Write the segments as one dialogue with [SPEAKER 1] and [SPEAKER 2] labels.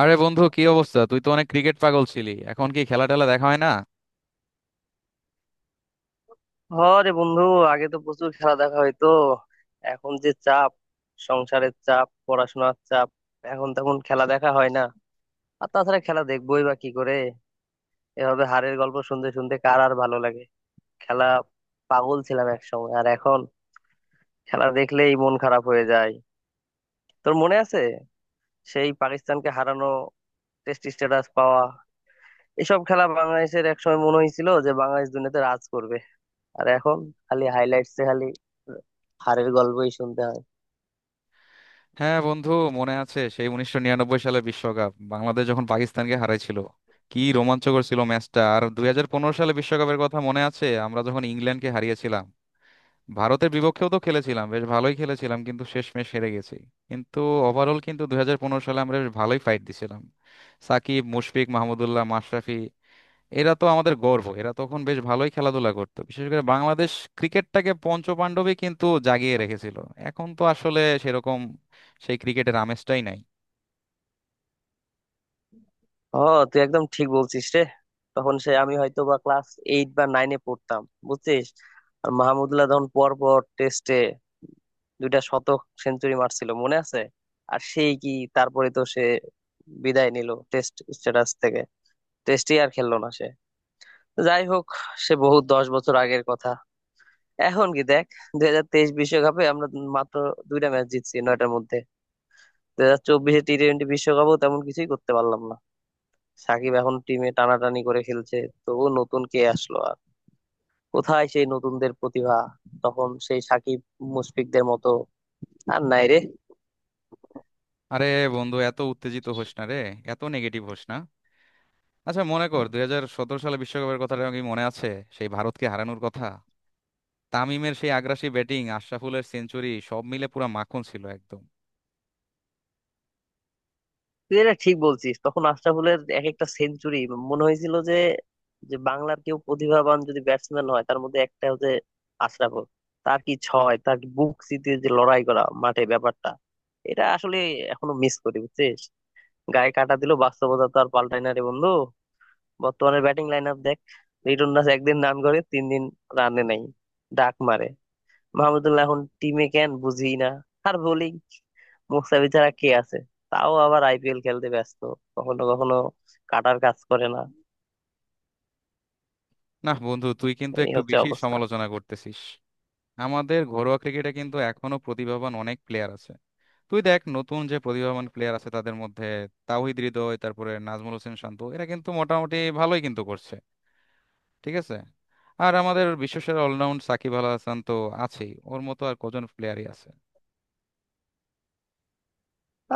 [SPEAKER 1] আরে বন্ধু, কি অবস্থা? তুই তো অনেক ক্রিকেট পাগল ছিলি, এখন কি খেলা টেলা দেখা হয় না?
[SPEAKER 2] হরে বন্ধু, আগে তো প্রচুর খেলা দেখা হইতো। এখন যে চাপ, সংসারের চাপ, পড়াশোনার চাপ, এখন তখন খেলা দেখা হয় না। আর তাছাড়া খেলা দেখবোই বা কি করে? এভাবে হারের গল্প শুনতে শুনতে কার আর ভালো লাগে? খেলা পাগল ছিলাম একসময়, আর এখন খেলা দেখলেই মন খারাপ হয়ে যায়। তোর মনে আছে সেই পাকিস্তানকে হারানো, টেস্ট স্ট্যাটাস পাওয়া, এসব খেলা? বাংলাদেশের একসময় মনে হয়েছিল যে বাংলাদেশ দুনিয়াতে রাজ করবে। আর এখন খালি হাইলাইটসে খালি হারের গল্পই শুনতে হয়।
[SPEAKER 1] হ্যাঁ বন্ধু, মনে আছে সেই 1999 সালে বিশ্বকাপ বাংলাদেশ যখন পাকিস্তানকে হারাইছিল? কি রোমাঞ্চকর ছিল ম্যাচটা! আর 2015 সালে বিশ্বকাপের কথা মনে আছে, আমরা যখন ইংল্যান্ডকে হারিয়েছিলাম? ভারতের বিপক্ষেও তো খেলেছিলাম, বেশ ভালোই খেলেছিলাম, কিন্তু শেষমেশ হেরে গেছি। কিন্তু ওভারঅল কিন্তু 2015 সালে আমরা বেশ ভালোই ফাইট দিছিলাম। সাকিব, মুশফিক, মাহমুদুল্লাহ, মাশরাফি, এরা তো আমাদের গর্ব। এরা তখন বেশ ভালোই খেলাধুলা করতো। বিশেষ করে বাংলাদেশ ক্রিকেটটাকে পঞ্চপাণ্ডবই কিন্তু জাগিয়ে রেখেছিল। এখন তো আসলে সেরকম সেই ক্রিকেটের আমেজটাই নাই।
[SPEAKER 2] ও, তুই একদম ঠিক বলছিস রে। তখন সে আমি হয়তো বা ক্লাস এইট বা নাইনে পড়তাম, বুঝছিস? আর মাহমুদুল্লাহ তখন পর পর টেস্টে দুইটা শতক সেঞ্চুরি মারছিল, মনে আছে? আর সেই কি, তারপরে তো সে বিদায় নিল টেস্ট স্ট্যাটাস থেকে, টেস্টই আর খেললো না সে। যাই হোক, সে বহু 10 বছর আগের কথা। এখন কি দেখ, 2023 বিশ্বকাপে আমরা মাত্র দুইটা ম্যাচ জিতছি নয়টার মধ্যে। 2024-এ টি টোয়েন্টি বিশ্বকাপও তেমন কিছুই করতে পারলাম না। সাকিব এখন টিমে টানাটানি করে খেলছে। ও নতুন কে আসলো আর? কোথায় সেই নতুনদের প্রতিভা? তখন সেই সাকিব মুশফিকদের মতো আর নাই রে।
[SPEAKER 1] আরে বন্ধু, এত উত্তেজিত হোস না রে, এত নেগেটিভ হোস না। আচ্ছা মনে কর 2017 সালে বিশ্বকাপের কথাটা কি মনে আছে? সেই ভারতকে হারানোর কথা, তামিমের সেই আগ্রাসী ব্যাটিং, আশরাফুলের সেঞ্চুরি, সব মিলে পুরো মাখন ছিল একদম।
[SPEAKER 2] তুই এটা ঠিক বলছিস, তখন আশরাফুলের এক একটা সেঞ্চুরি মনে হয়েছিল যে যে বাংলার কেউ প্রতিভাবান যদি ব্যাটসম্যান হয়, তার মধ্যে একটা হচ্ছে আশরাফুল। তার কি ছয়, তার কি বুক চিতিয়ে যে লড়াই করা মাঠে, ব্যাপারটা এটা আসলে এখনো মিস করি, বুঝছিস? গায়ে কাটা দিল। বাস্তবতা তো আর পাল্টায় না রে বন্ধু। বর্তমানে ব্যাটিং লাইন আপ দেখ, লিটন দাস একদিন রান করে, তিন দিন রানে নাই, ডাক মারে। মাহমুদুল্লাহ এখন টিমে কেন বুঝি না। আর বোলিং, মুস্তাফিজ ছাড়া কে আছে? তাও আবার আইপিএল খেলতে ব্যস্ত। কখনো কখনো কাটার কাজ করে না।
[SPEAKER 1] না বন্ধু, তুই কিন্তু
[SPEAKER 2] এই
[SPEAKER 1] একটু
[SPEAKER 2] হচ্ছে
[SPEAKER 1] বেশি
[SPEAKER 2] অবস্থা।
[SPEAKER 1] সমালোচনা করতেছিস। আমাদের ঘরোয়া ক্রিকেটে কিন্তু এখনো প্রতিভাবান অনেক প্লেয়ার আছে। তুই দেখ নতুন যে প্রতিভাবান প্লেয়ার আছে তাদের মধ্যে তাওহিদ হৃদয়, তারপরে নাজমুল হোসেন শান্ত, এরা কিন্তু মোটামুটি ভালোই কিন্তু করছে, ঠিক আছে? আর আমাদের বিশ্বসেরা অলরাউন্ড সাকিব আল হাসান তো আছেই, ওর মতো আর কজন প্লেয়ারই আছে।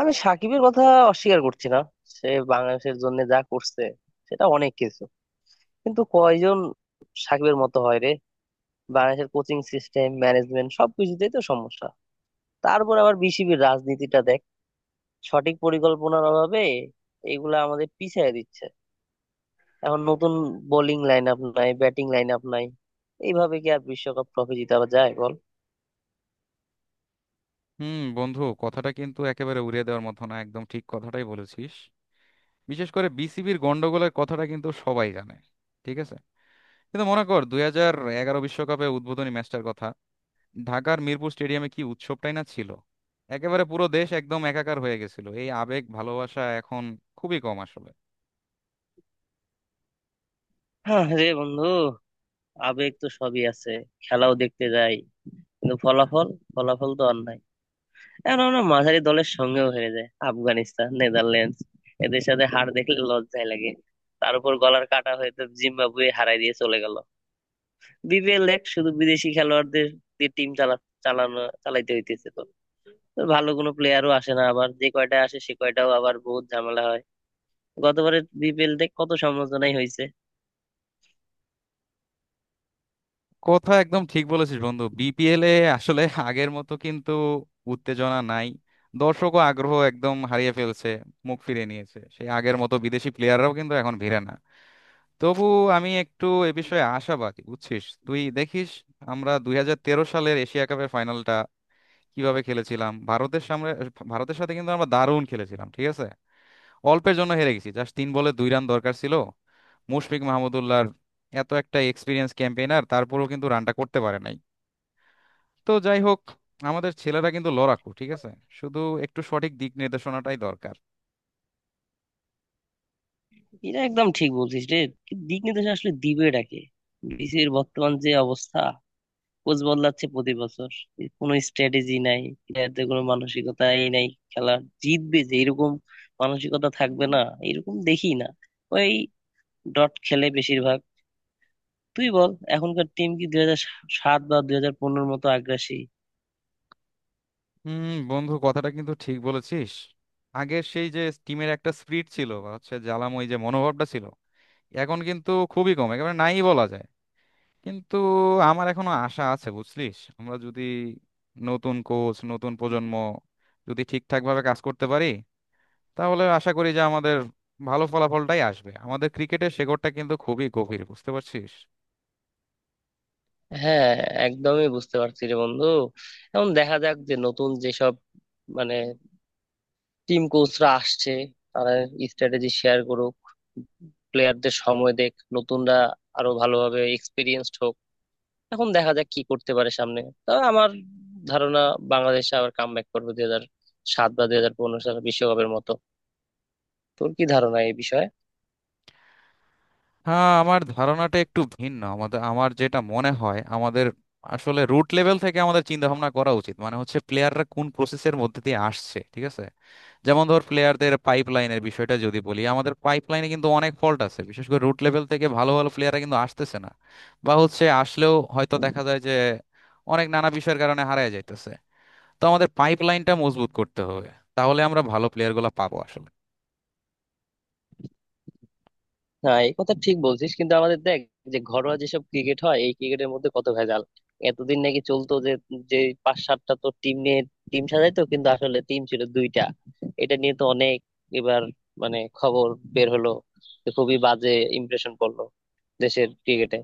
[SPEAKER 2] আমি সাকিবের কথা অস্বীকার করছি না, সে বাংলাদেশের জন্য যা করছে সেটা অনেক কিছু। কিন্তু কয়জন সাকিবের মতো হয় রে? বাংলাদেশের কোচিং সিস্টেম, ম্যানেজমেন্ট, সবকিছুতেই তো সমস্যা। তারপর আবার বিসিবির রাজনীতিটা দেখ, সঠিক পরিকল্পনার অভাবে এগুলা আমাদের পিছায় দিচ্ছে। এখন নতুন বোলিং লাইন আপ নাই, ব্যাটিং লাইন আপ নাই, এইভাবে কি আর বিশ্বকাপ ট্রফি জিতাবা যায় বল?
[SPEAKER 1] হুম বন্ধু, কথাটা কিন্তু একেবারে উড়িয়ে দেওয়ার মতো না, একদম ঠিক কথাটাই বলেছিস। বিশেষ করে বিসিবির গন্ডগোলের কথাটা কিন্তু সবাই জানে, ঠিক আছে। কিন্তু মনে কর 2011 বিশ্বকাপে উদ্বোধনী ম্যাচটার কথা। ঢাকার মিরপুর স্টেডিয়ামে কি উৎসবটাই না ছিল! একেবারে পুরো দেশ একদম একাকার হয়ে গেছিল। এই আবেগ ভালোবাসা এখন খুবই কম আসলে।
[SPEAKER 2] হ্যাঁ রে বন্ধু, আবেগ তো সবই আছে, খেলাও দেখতে যাই, কিন্তু ফলাফল, ফলাফল তো আর নাই। এখন আমরা মাঝারি দলের সঙ্গেও হেরে যায়, আফগানিস্তান, নেদারল্যান্ডস, এদের সাথে হার দেখলে লজ্জায় লাগে। তার উপর গলার কাটা হয়ে তো জিম্বাবুয়ে হারাই দিয়ে চলে গেল। বিপিএল এক শুধু বিদেশি খেলোয়াড়দের দিয়ে টিম চালানো চালাইতে হইতেছে তো। তো ভালো কোনো প্লেয়ারও আসে না, আবার যে কয়টা আসে সে কয়টাও আবার বহুত ঝামেলা হয়। গতবারের বিপিএল দেখ কত সমালোচনাই হয়েছে।
[SPEAKER 1] কথা একদম ঠিক বলেছিস বন্ধু, বিপিএল এ আসলে আগের মতো কিন্তু উত্তেজনা নাই। দর্শক ও আগ্রহ একদম হারিয়ে ফেলছে, মুখ ফিরিয়ে নিয়েছে। সেই আগের মতো বিদেশি প্লেয়াররাও কিন্তু এখন ভিড়ে না। তবু আমি একটু এ বিষয়ে আশাবাদী, বুঝছিস। তুই দেখিস, আমরা 2013 সালের এশিয়া কাপের ফাইনালটা কিভাবে খেলেছিলাম ভারতের সামনে। ভারতের সাথে কিন্তু আমরা দারুণ খেলেছিলাম, ঠিক আছে? অল্পের জন্য হেরে গেছি, জাস্ট 3 বলে 2 রান দরকার ছিল। মুশফিক মাহমুদুল্লাহর এত একটা এক্সপিরিয়েন্স ক্যাম্পেইনার, তারপরেও কিন্তু রানটা করতে পারে নাই। তো যাই হোক, আমাদের ছেলেরা কিন্তু লড়াকু, ঠিক আছে? শুধু একটু সঠিক দিক নির্দেশনাটাই দরকার।
[SPEAKER 2] এটা একদম ঠিক বলছিস রে, কিন্তু দিক নির্দেশ আসলে দিবে ডাকে। বিসিবির বর্তমান যে অবস্থা, কোচ বদলাচ্ছে প্রতি বছর, কোনো স্ট্র্যাটেজি নাই, প্লেয়ারদের কোনো মানসিকতা এই নাই। খেলা জিতবে যে এরকম মানসিকতা থাকবে না, এরকম দেখি না। ওই ডট খেলে বেশিরভাগ। তুই বল, এখনকার টিম কি 2007 বা 2015-র মতো আগ্রাসী?
[SPEAKER 1] হুম বন্ধু, কথাটা কিন্তু ঠিক বলেছিস। আগের সেই যে টিমের একটা স্পিরিট ছিল বা হচ্ছে জ্বালাময় যে মনোভাবটা ছিল, এখন কিন্তু খুবই কম, একেবারে নাই বলা যায়। কিন্তু আমার এখনো আশা আছে, বুঝলিস। আমরা যদি নতুন কোচ, নতুন প্রজন্ম যদি ঠিকঠাক ভাবে কাজ করতে পারি, তাহলে আশা করি যে আমাদের ভালো ফলাফলটাই আসবে। আমাদের ক্রিকেটের শেকড়টা কিন্তু খুবই গভীর, বুঝতে পারছিস।
[SPEAKER 2] হ্যাঁ, একদমই বুঝতে পারছি রে বন্ধু। এখন দেখা যাক যে নতুন যেসব, মানে, টিম কোচরা আসছে, তারা স্ট্র্যাটেজি শেয়ার করুক, প্লেয়ারদের সময় দেখ, নতুনরা আরো ভালোভাবে এক্সপিরিয়েন্সড হোক, এখন দেখা যাক কি করতে পারে সামনে। তবে আমার ধারণা, বাংলাদেশ আবার কামব্যাক করবে 2007 বা দুই হাজার পনেরো সালে বিশ্বকাপের মতো। তোর কি ধারণা এই বিষয়ে?
[SPEAKER 1] হ্যাঁ, আমার ধারণাটা একটু ভিন্ন। আমাদের আমার যেটা মনে হয়, আমাদের আসলে রুট লেভেল থেকে আমাদের চিন্তা ভাবনা করা উচিত। মানে হচ্ছে প্লেয়াররা কোন প্রসেসের মধ্যে দিয়ে আসছে, ঠিক আছে? যেমন ধর, প্লেয়ারদের পাইপ লাইনের বিষয়টা যদি বলি, আমাদের পাইপ লাইনে কিন্তু অনেক ফল্ট আছে। বিশেষ করে রুট লেভেল থেকে ভালো ভালো প্লেয়াররা কিন্তু আসতেছে না। বা হচ্ছে আসলেও হয়তো দেখা যায় যে অনেক নানা বিষয়ের কারণে হারায় যাইতেছে। তো আমাদের পাইপ লাইনটা মজবুত করতে হবে, তাহলে আমরা ভালো প্লেয়ারগুলো পাবো আসলে।
[SPEAKER 2] হ্যাঁ এই কথা ঠিক বলছিস, কিন্তু আমাদের দেখ, যে ঘরোয়া যেসব ক্রিকেট হয় এই ক্রিকেটের মধ্যে কত ভেজাল। এতদিন নাকি চলতো যে, যে পাঁচ সাতটা তো টিম নিয়ে টিম সাজাইতো, কিন্তু আসলে টিম ছিল দুইটা। এটা নিয়ে তো অনেক, এবার, মানে, খবর বের হলো যে, খুবই বাজে ইমপ্রেশন পড়লো দেশের ক্রিকেটে।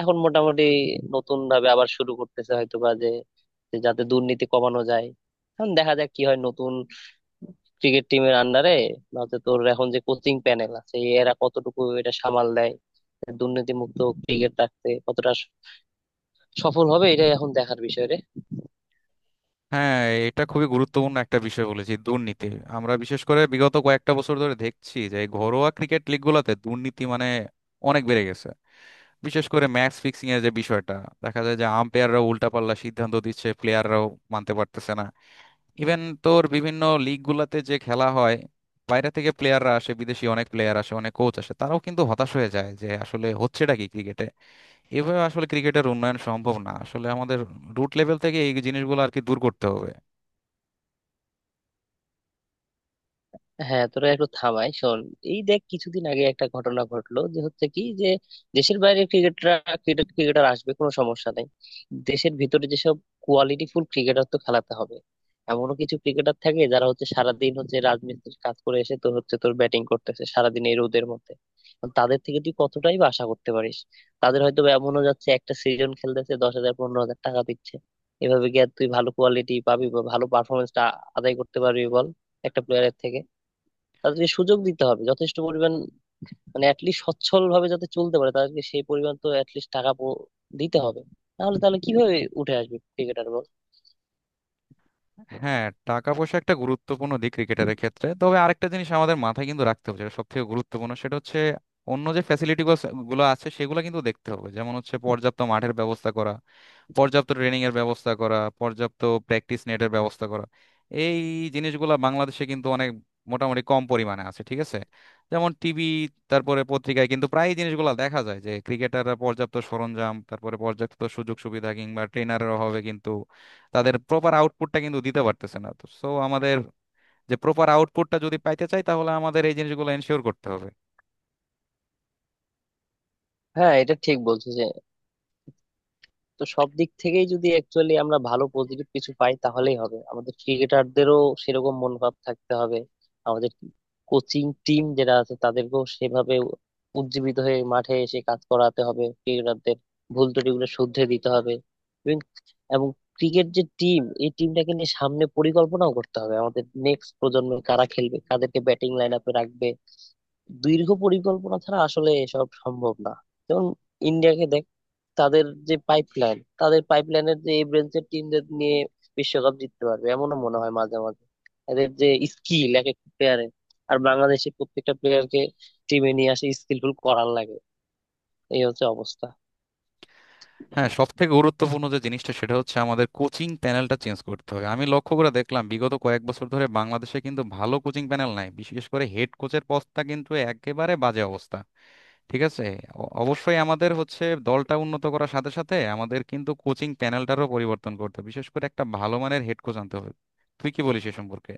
[SPEAKER 2] এখন মোটামুটি নতুন ভাবে আবার শুরু করতেছে হয়তো বা, যে যে যাতে দুর্নীতি কমানো যায়। এখন দেখা যাক কি হয় নতুন ক্রিকেট টিমের আন্ডারে, বা হচ্ছে তোর এখন যে কোচিং প্যানেল আছে এরা কতটুকু এটা সামাল দেয়, দুর্নীতি মুক্ত ক্রিকেট রাখতে কতটা সফল হবে, এটা এখন দেখার বিষয় রে।
[SPEAKER 1] হ্যাঁ, এটা খুবই গুরুত্বপূর্ণ একটা বিষয় বলেছি, দুর্নীতি। আমরা বিশেষ করে বিগত কয়েকটা বছর ধরে দেখছি যে এই ঘরোয়া ক্রিকেট লিগগুলোতে দুর্নীতি মানে অনেক বেড়ে গেছে। বিশেষ করে ম্যাচ ফিক্সিং এর যে বিষয়টা, দেখা যায় যে আম্পায়াররা উল্টাপাল্টা সিদ্ধান্ত দিচ্ছে, প্লেয়াররাও মানতে পারতেছে না। ইভেন তোর বিভিন্ন লিগ গুলাতে যে খেলা হয়, বাইরে থেকে প্লেয়াররা আসে, বিদেশি অনেক প্লেয়ার আসে, অনেক কোচ আসে, তারাও কিন্তু হতাশ হয়ে যায় যে আসলে হচ্ছেটা কি ক্রিকেটে। এভাবে আসলে ক্রিকেটের উন্নয়ন সম্ভব না, আসলে আমাদের রুট লেভেল থেকে এই জিনিসগুলো আর কি দূর করতে হবে।
[SPEAKER 2] হ্যাঁ তোরা একটু থামাই শোন। এই দেখ কিছুদিন আগে একটা ঘটনা ঘটলো যে, হচ্ছে কি, যে দেশের বাইরে ক্রিকেটার, ক্রিকেটার আসবে কোনো সমস্যা নেই, দেশের ভিতরে যেসব কোয়ালিটি ফুল ক্রিকেটার তো খেলাতে হবে। এমনও কিছু ক্রিকেটার থাকে যারা হচ্ছে সারাদিন হচ্ছে রাজমিস্ত্রির কাজ করে এসে তোর ব্যাটিং করতেছে সারাদিন এই রোদের মধ্যে। এখন তাদের থেকে তুই কতটাই বা আশা করতে পারিস? তাদের হয়তো বা এমনও যাচ্ছে, একটা সিজন খেলতেছে 10,000 15,000 টাকা দিচ্ছে। এভাবে গিয়ে তুই ভালো কোয়ালিটি পাবি, বা ভালো পারফরমেন্সটা আদায় করতে পারবি বল, একটা প্লেয়ারের থেকে? তাদেরকে সুযোগ দিতে হবে যথেষ্ট পরিমাণ, মানে অ্যাটলিস্ট সচ্ছল ভাবে যাতে চলতে পারে তাদেরকে সেই পরিমাণ তো অ্যাটলিস্ট দিতে হবে। তাহলে তাহলে কিভাবে উঠে আসবে ক্রিকেটার বল?
[SPEAKER 1] হ্যাঁ, টাকা পয়সা একটা গুরুত্বপূর্ণ দিক ক্রিকেটারের ক্ষেত্রে, তবে আরেকটা জিনিস আমাদের মাথায় কিন্তু রাখতে হবে যেটা সব থেকে গুরুত্বপূর্ণ, সেটা হচ্ছে অন্য যে ফ্যাসিলিটি গুলো আছে সেগুলো কিন্তু দেখতে হবে। যেমন হচ্ছে পর্যাপ্ত মাঠের ব্যবস্থা করা, পর্যাপ্ত ট্রেনিং এর ব্যবস্থা করা, পর্যাপ্ত প্র্যাকটিস নেটের ব্যবস্থা করা। এই জিনিসগুলো বাংলাদেশে কিন্তু অনেক মোটামুটি কম পরিমাণে আছে, ঠিক আছে? যেমন টিভি, তারপরে পত্রিকায় কিন্তু প্রায় এই জিনিসগুলো দেখা যায় যে ক্রিকেটাররা পর্যাপ্ত সরঞ্জাম, তারপরে পর্যাপ্ত সুযোগ সুবিধা কিংবা ট্রেনারের অভাবে কিন্তু তাদের প্রপার আউটপুটটা কিন্তু দিতে পারতেছে না। তো সো আমাদের যে প্রপার আউটপুটটা যদি পাইতে চাই, তাহলে আমাদের এই জিনিসগুলো এনশিওর করতে হবে।
[SPEAKER 2] হ্যাঁ এটা ঠিক বলছো যে, তো সব দিক থেকেই যদি অ্যাকচুয়ালি আমরা ভালো পজিটিভ কিছু পাই তাহলেই হবে। আমাদের ক্রিকেটারদেরও সেরকম মনোভাব থাকতে হবে। আমাদের কোচিং টিম যারা আছে তাদেরকেও সেভাবে উজ্জীবিত হয়ে মাঠে এসে কাজ করাতে হবে ক্রিকেটারদের, ভুল ত্রুটিগুলো শুধরে দিতে হবে। এবং এবং ক্রিকেট যে টিম, এই টিমটাকে নিয়ে সামনে পরিকল্পনাও করতে হবে, আমাদের নেক্সট প্রজন্মে কারা খেলবে, কাদেরকে ব্যাটিং লাইন আপে রাখবে। দীর্ঘ পরিকল্পনা ছাড়া আসলে এসব সম্ভব না। যেমন ইন্ডিয়াকে দেখ, তাদের যে পাইপলাইন, তাদের পাইপলাইনের যে এই ব্রেনসের টিমদের নিয়ে বিশ্বকাপ জিততে পারবে এমনও মনে হয় মাঝে মাঝে, এদের যে স্কিল এক একটা প্লেয়ারের। আর বাংলাদেশে প্রত্যেকটা প্লেয়ারকে টিমে নিয়ে আসে স্কিলফুল করার লাগে। এই হচ্ছে অবস্থা।
[SPEAKER 1] হ্যাঁ, সব থেকে গুরুত্বপূর্ণ যে জিনিসটা, সেটা হচ্ছে আমাদের কোচিং প্যানেলটা চেঞ্জ করতে হবে। আমি লক্ষ্য করে দেখলাম বিগত কয়েক বছর ধরে বাংলাদেশে কিন্তু ভালো কোচিং প্যানেল নাই, বিশেষ করে হেড কোচের পদটা কিন্তু একেবারে বাজে অবস্থা, ঠিক আছে। অবশ্যই আমাদের হচ্ছে দলটা উন্নত করার সাথে সাথে আমাদের কিন্তু কোচিং প্যানেলটারও পরিবর্তন করতে হবে, বিশেষ করে একটা ভালো মানের হেড কোচ আনতে হবে। তুই কি বলিস এ সম্পর্কে?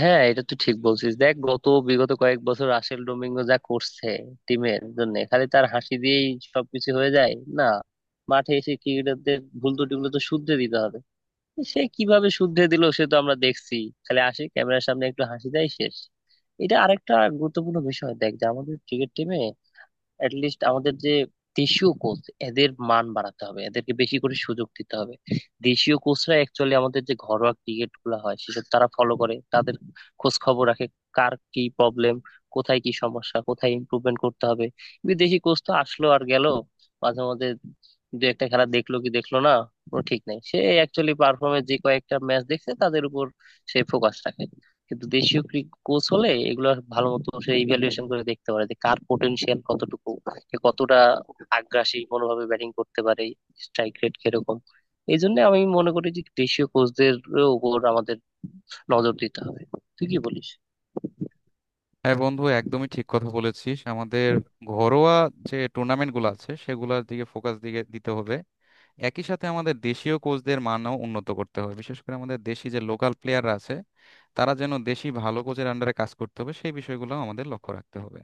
[SPEAKER 2] হ্যাঁ এটা তুই ঠিক বলছিস, দেখ গত বিগত কয়েক বছর রাসেল ডোমিঙ্গো যা করছে টিমের জন্য, খালি তার হাসি দিয়েই সবকিছু হয়ে যায় না। মাঠে এসে ক্রিকেটারদের ভুল ত্রুটিগুলো তো শুধরে দিতে হবে, সে কিভাবে শুদ্ধে দিল সে তো আমরা দেখছি, খালি আসি ক্যামেরার সামনে একটু হাসি দেয়, শেষ। এটা আরেকটা গুরুত্বপূর্ণ বিষয় দেখ, যে আমাদের ক্রিকেট টিমে, লিস্ট আমাদের যে দেশীয় কোচ, এদের মান বাড়াতে হবে, এদেরকে বেশি করে সুযোগ দিতে হবে। দেশীয় কোচরা অ্যাকচুয়ালি আমাদের যে ঘরোয়া ক্রিকেট গুলা হয় সেসব তারা ফলো করে, তাদের খোঁজ খবর রাখে, কার কি প্রবলেম, কোথায় কি সমস্যা, কোথায় ইমপ্রুভমেন্ট করতে হবে। বিদেশি কোচ তো আসলো আর গেল, মাঝে মাঝে দু একটা খেলা দেখলো কি দেখলো না, কোনো ঠিক নাই। সে অ্যাকচুয়ালি পারফর্মে যে কয়েকটা ম্যাচ দেখছে তাদের উপর সে ফোকাস রাখে, কিন্তু দেশীয় কোচ হলে এগুলা ভালো মতো সে ইভ্যালুয়েশন করে দেখতে পারে, যে কার পোটেনশিয়াল কতটুকু, কে কতটা আগ্রাসী কোনোভাবে ব্যাটিং করতে পারে, স্ট্রাইক রেট কিরকম। এই জন্য আমি মনে করি যে দেশীয় কোচদের উপর আমাদের নজর দিতে হবে। তুই কি বলিস?
[SPEAKER 1] হ্যাঁ বন্ধু, একদমই ঠিক কথা বলেছিস। আমাদের ঘরোয়া যে টুর্নামেন্টগুলো আছে সেগুলোর দিকে ফোকাস দিতে হবে। একই সাথে আমাদের দেশীয় কোচদের মানও উন্নত করতে হবে। বিশেষ করে আমাদের দেশি যে লোকাল প্লেয়াররা আছে, তারা যেন দেশি ভালো কোচের আন্ডারে কাজ করতে হবে, সেই বিষয়গুলো আমাদের লক্ষ্য রাখতে হবে।